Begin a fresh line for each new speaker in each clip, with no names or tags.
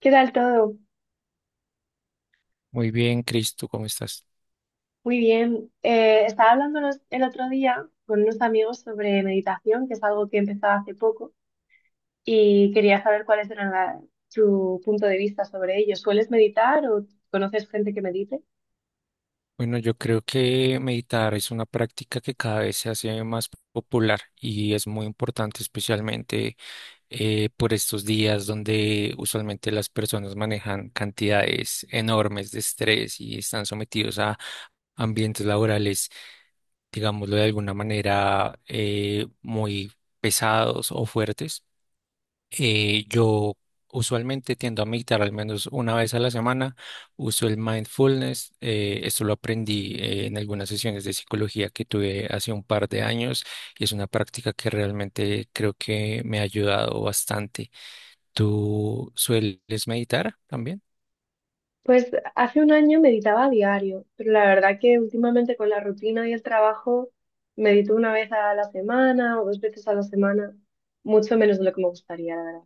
¿Qué tal todo?
Muy bien, Cristo, ¿cómo estás?
Muy bien. Estaba hablando el otro día con unos amigos sobre meditación, que es algo que he empezado hace poco, y quería saber cuáles eran tu punto de vista sobre ello. ¿Sueles meditar o conoces gente que medite?
Bueno, yo creo que meditar es una práctica que cada vez se hace más popular y es muy importante, especialmente por estos días donde usualmente las personas manejan cantidades enormes de estrés y están sometidos a ambientes laborales, digámoslo de alguna manera, muy pesados o fuertes. Yo usualmente tiendo a meditar al menos una vez a la semana. Uso el mindfulness. Esto lo aprendí en algunas sesiones de psicología que tuve hace un par de años y es una práctica que realmente creo que me ha ayudado bastante. ¿Tú sueles meditar también?
Pues hace un año meditaba a diario, pero la verdad que últimamente con la rutina y el trabajo medito una vez a la semana o dos veces a la semana, mucho menos de lo que me gustaría, la verdad.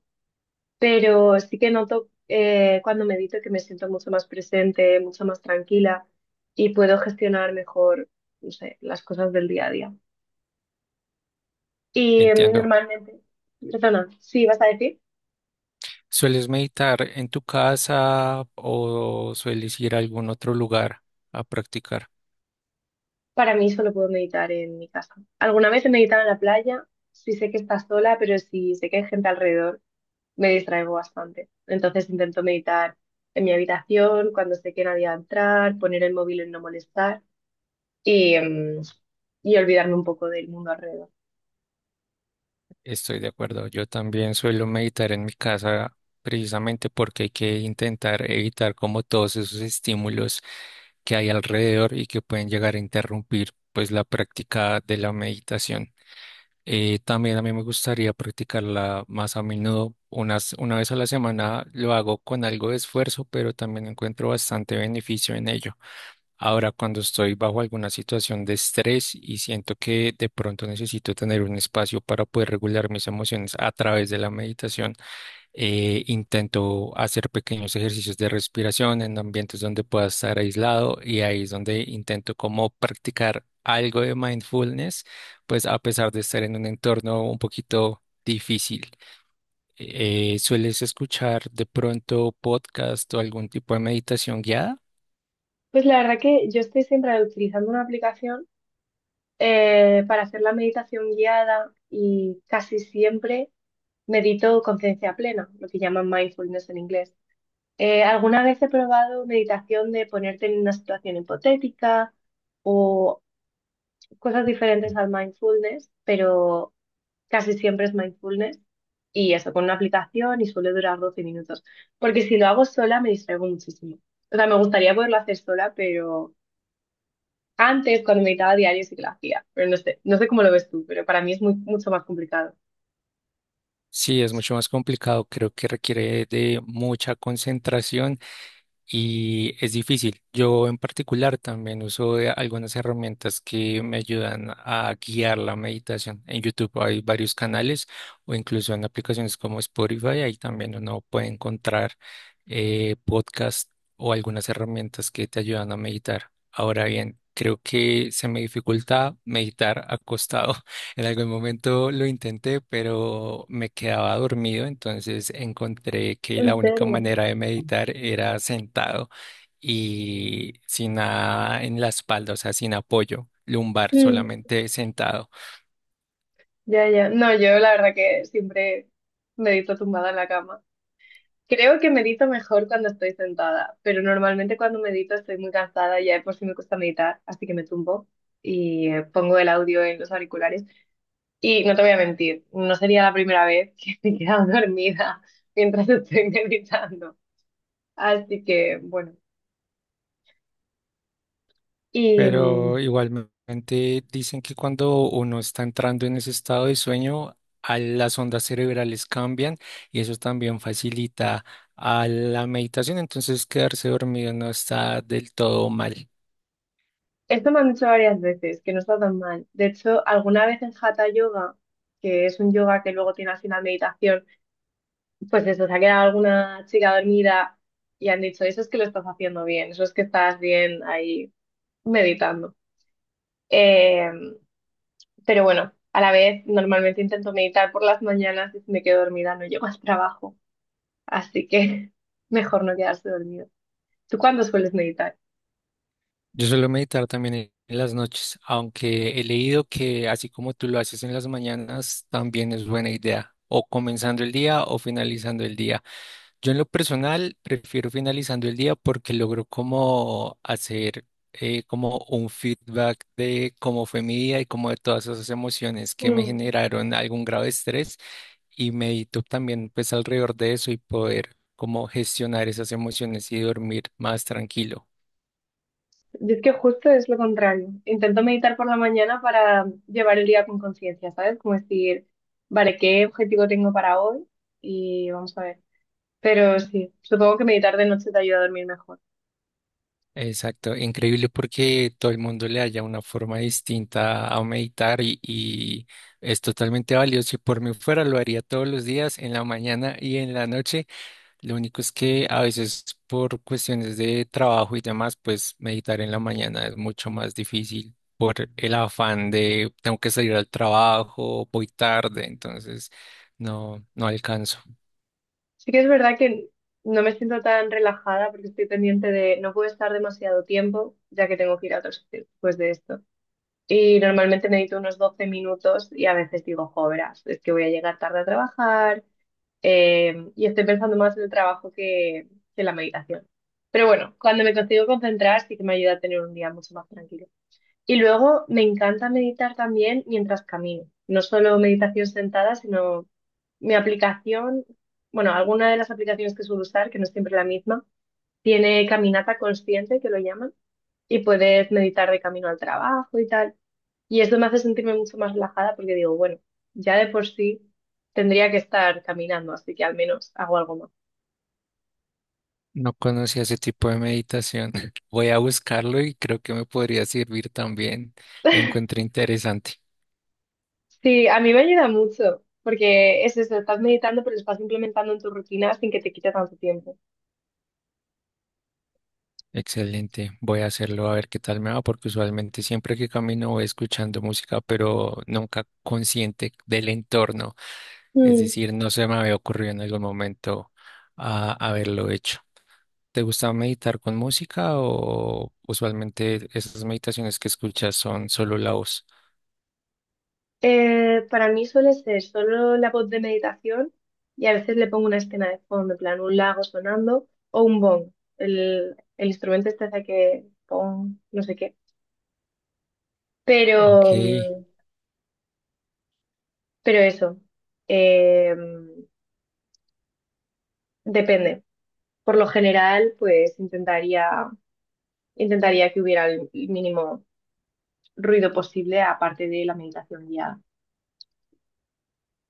Pero sí que noto, cuando medito, que me siento mucho más presente, mucho más tranquila y puedo gestionar mejor, no sé, las cosas del día a día. Y em,
Entiendo.
normalmente, perdona, sí, vas a decir.
¿Sueles meditar en tu casa o sueles ir a algún otro lugar a practicar?
Para mí solo puedo meditar en mi casa. Alguna vez he meditado en la playa, sí sé que está sola, pero si sé que hay gente alrededor, me distraigo bastante. Entonces intento meditar en mi habitación, cuando sé que nadie va a entrar, poner el móvil en no molestar y, y olvidarme un poco del mundo alrededor.
Estoy de acuerdo. Yo también suelo meditar en mi casa precisamente porque hay que intentar evitar como todos esos estímulos que hay alrededor y que pueden llegar a interrumpir pues la práctica de la meditación. También a mí me gustaría practicarla más a menudo, una vez a la semana lo hago con algo de esfuerzo, pero también encuentro bastante beneficio en ello. Ahora, cuando estoy bajo alguna situación de estrés y siento que de pronto necesito tener un espacio para poder regular mis emociones a través de la meditación, intento hacer pequeños ejercicios de respiración en ambientes donde pueda estar aislado y ahí es donde intento como practicar algo de mindfulness, pues a pesar de estar en un entorno un poquito difícil. ¿Sueles escuchar de pronto podcast o algún tipo de meditación guiada?
Pues la verdad que yo estoy siempre utilizando una aplicación, para hacer la meditación guiada, y casi siempre medito conciencia plena, lo que llaman mindfulness en inglés. Alguna vez he probado meditación de ponerte en una situación hipotética o cosas diferentes al mindfulness, pero casi siempre es mindfulness, y eso con una aplicación, y suele durar 12 minutos, porque si lo hago sola me distraigo muchísimo. O sea, me gustaría poderlo hacer sola, pero... Antes, cuando meditaba a diario, sí que lo hacía, pero no sé, no sé cómo lo ves tú, pero para mí es mucho más complicado.
Sí, es mucho más complicado, creo que requiere de mucha concentración y es difícil. Yo en particular también uso de algunas herramientas que me ayudan a guiar la meditación. En YouTube hay varios canales o incluso en aplicaciones como Spotify, ahí también uno puede encontrar podcasts o algunas herramientas que te ayudan a meditar. Ahora bien, creo que se me dificulta meditar acostado. En algún momento lo intenté, pero me quedaba dormido, entonces encontré que la
¿En
única
serio?
manera de meditar era sentado y sin nada en la espalda, o sea, sin apoyo lumbar,
Mm,
solamente sentado.
ya, ya. No, yo la verdad que siempre medito tumbada en la cama. Creo que medito mejor cuando estoy sentada, pero normalmente cuando medito estoy muy cansada y ya de por si me cuesta meditar, así que me tumbo y, pongo el audio en los auriculares. Y no te voy a mentir, no sería la primera vez que me he quedado dormida mientras estoy meditando. Así que, bueno. y mm,
Pero igualmente dicen que cuando uno está entrando en ese estado de sueño, a las ondas cerebrales cambian y eso también facilita a la meditación, entonces quedarse dormido no está del todo mal.
Esto me han dicho varias veces, que no está tan mal. De hecho, alguna vez en Hatha Yoga, que es un yoga que luego tiene al final meditación, pues eso, se ha quedado alguna chica dormida y han dicho, eso es que lo estás haciendo bien, eso es que estás bien ahí meditando. Eh, pero bueno, a la vez normalmente intento meditar por las mañanas, y si me quedo dormida no llego al trabajo, así que mejor no quedarse dormido. ¿Tú cuándo sueles meditar?
Yo suelo meditar también en las noches, aunque he leído que así como tú lo haces en las mañanas, también es buena idea, o comenzando el día o finalizando el día. Yo en lo personal prefiero finalizando el día porque logro como hacer como un feedback de cómo fue mi día y como de todas esas emociones que me
Mm.
generaron algún grado de estrés y medito también pues alrededor de eso y poder como gestionar esas emociones y dormir más tranquilo.
Yo es que justo es lo contrario. Intento meditar por la mañana para llevar el día con conciencia, ¿sabes? Como decir, vale, ¿qué objetivo tengo para hoy? Y vamos a ver. Pero sí, supongo que meditar de noche te ayuda a dormir mejor.
Exacto, increíble porque todo el mundo le haya una forma distinta a meditar y es totalmente valioso. Si por mí fuera lo haría todos los días, en la mañana y en la noche. Lo único es que a veces por cuestiones de trabajo y demás, pues meditar en la mañana es mucho más difícil por el afán de tengo que salir al trabajo, voy tarde, entonces no alcanzo.
Sí que es verdad que no me siento tan relajada porque estoy pendiente de no puedo estar demasiado tiempo, ya que tengo que ir a otro sitio después de esto. Y normalmente medito unos 12 minutos, y a veces digo, joveras, es que voy a llegar tarde a trabajar. Y estoy pensando más en el trabajo que en la meditación. Pero bueno, cuando me consigo concentrar, sí que me ayuda a tener un día mucho más tranquilo. Y luego me encanta meditar también mientras camino. No solo meditación sentada, sino mi aplicación, bueno, alguna de las aplicaciones que suelo usar, que no es siempre la misma, tiene caminata consciente, que lo llaman, y puedes meditar de camino al trabajo y tal. Y esto me hace sentirme mucho más relajada porque digo, bueno, ya de por sí tendría que estar caminando, así que al menos hago algo más.
No conocía ese tipo de meditación. Voy a buscarlo y creo que me podría servir también. Lo encuentro interesante.
Sí, a mí me ayuda mucho, porque es eso, estás meditando, pero lo estás implementando en tu rutina sin que te quite tanto tiempo.
Excelente. Voy a hacerlo a ver qué tal me va, porque usualmente siempre que camino voy escuchando música, pero nunca consciente del entorno. Es
Mm.
decir, no se me había ocurrido en algún momento a haberlo hecho. ¿Te gusta meditar con música o usualmente esas meditaciones que escuchas son solo la voz?
Para mí suele ser solo la voz de meditación, y a veces le pongo una escena de fondo, en plan un lago sonando o un bong, el instrumento este hace que pong, no sé qué.
Ok.
Pero, pero eso, eh, depende. Por lo general, pues intentaría que hubiera el mínimo ruido posible, aparte de la meditación guiada.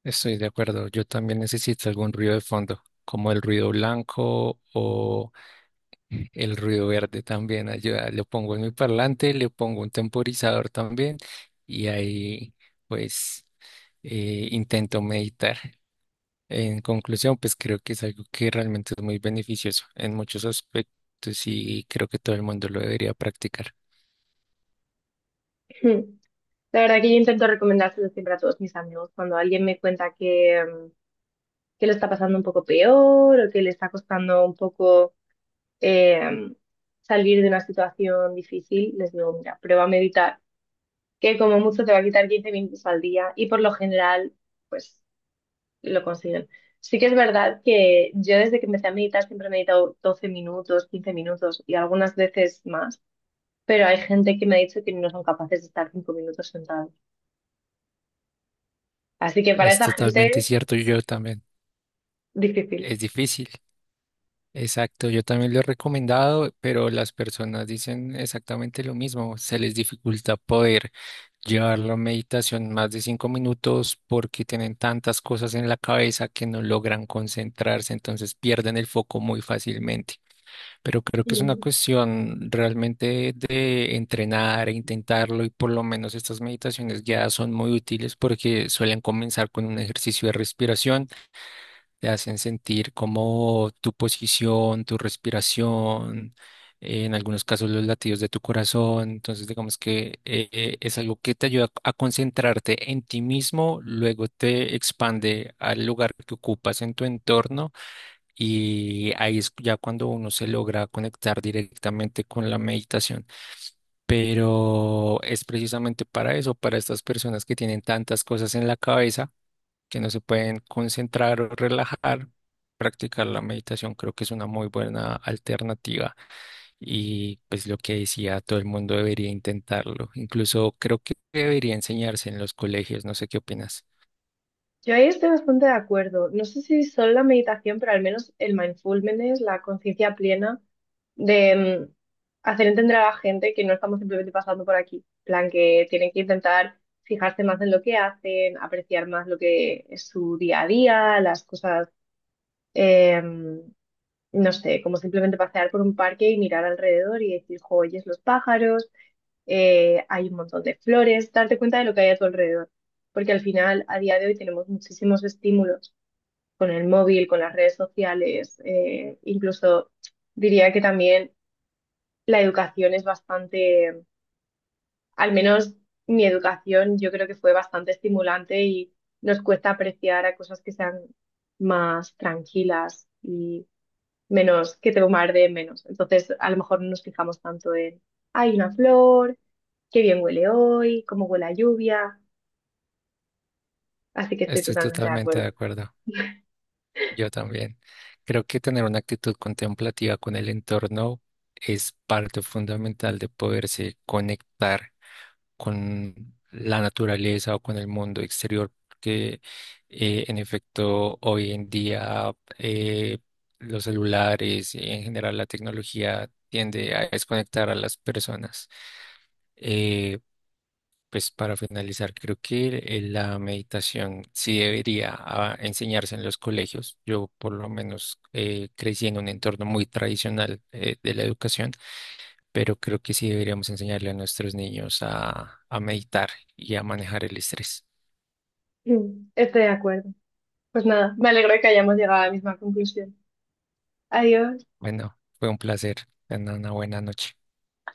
Estoy de acuerdo, yo también necesito algún ruido de fondo, como el ruido blanco o el ruido verde también ayuda. Lo pongo en mi parlante, le pongo un temporizador también y ahí pues intento meditar. En conclusión, pues creo que es algo que realmente es muy beneficioso en muchos aspectos y creo que todo el mundo lo debería practicar.
Hmm. La verdad que yo intento recomendárselo siempre a todos mis amigos. Cuando alguien me cuenta que lo está pasando un poco peor, o que le está costando un poco, eh, salir de una situación difícil, les digo, mira, prueba a meditar, que como mucho te va a quitar 15 minutos al día, y por lo general, pues lo consiguen. Sí que es verdad que yo desde que empecé a meditar siempre he meditado 12 minutos, 15 minutos y algunas veces más, pero hay gente que me ha dicho que no son capaces de estar 5 minutos sentados. Así que para
Es
esa
totalmente
gente,
cierto, yo también.
difícil.
Es difícil. Exacto, yo también lo he recomendado, pero las personas dicen exactamente lo mismo. Se les dificulta poder llevar la meditación más de 5 minutos porque tienen tantas cosas en la cabeza que no logran concentrarse, entonces pierden el foco muy fácilmente. Pero creo que es una cuestión realmente de entrenar e intentarlo y por lo menos estas meditaciones guiadas son muy útiles porque suelen comenzar con un ejercicio de respiración te hacen sentir como tu posición, tu respiración, en algunos casos los latidos de tu corazón. Entonces, digamos que es algo que te ayuda a concentrarte en ti mismo, luego te expande al lugar que ocupas en tu entorno y ahí es ya cuando uno se logra conectar directamente con la meditación. Pero es precisamente para eso, para estas personas que tienen tantas cosas en la cabeza que no se pueden concentrar o relajar, practicar la meditación creo que es una muy buena alternativa y pues lo que decía, todo el mundo debería intentarlo. Incluso creo que debería enseñarse en los colegios, no sé qué opinas.
Yo ahí estoy bastante de acuerdo. No sé si solo la meditación, pero al menos el mindfulness, la conciencia plena de, hacer entender a la gente que no estamos simplemente pasando por aquí. En plan, que tienen que intentar fijarse más en lo que hacen, apreciar más lo que es su día a día, las cosas, em, no sé, como simplemente pasear por un parque y mirar alrededor y decir, "Jo, oyes los pájaros, hay un montón de flores", darte cuenta de lo que hay a tu alrededor. Porque al final, a día de hoy, tenemos muchísimos estímulos con el móvil, con las redes sociales, incluso diría que también la educación es bastante, al menos mi educación yo creo que fue bastante estimulante, y nos cuesta apreciar a cosas que sean más tranquilas y menos, que te bombarden menos. Entonces, a lo mejor no nos fijamos tanto en, hay una flor, qué bien huele hoy, cómo huele la lluvia, así que estoy
Estoy
totalmente de
totalmente de
acuerdo.
acuerdo, yo también. Creo que tener una actitud contemplativa con el entorno es parte fundamental de poderse conectar con la naturaleza o con el mundo exterior, porque en efecto hoy en día eh, los celulares y en general la tecnología tiende a desconectar a las personas. Eh, pues para finalizar, creo que la meditación sí debería enseñarse en los colegios. Yo por lo menos crecí en un entorno muy tradicional de la educación pero creo que sí deberíamos enseñarle a nuestros niños a meditar y a manejar el estrés.
Mm, estoy de acuerdo. Pues nada, me alegro de que hayamos llegado a la misma conclusión. Adiós.
Bueno, fue un placer. Tengan una buena noche.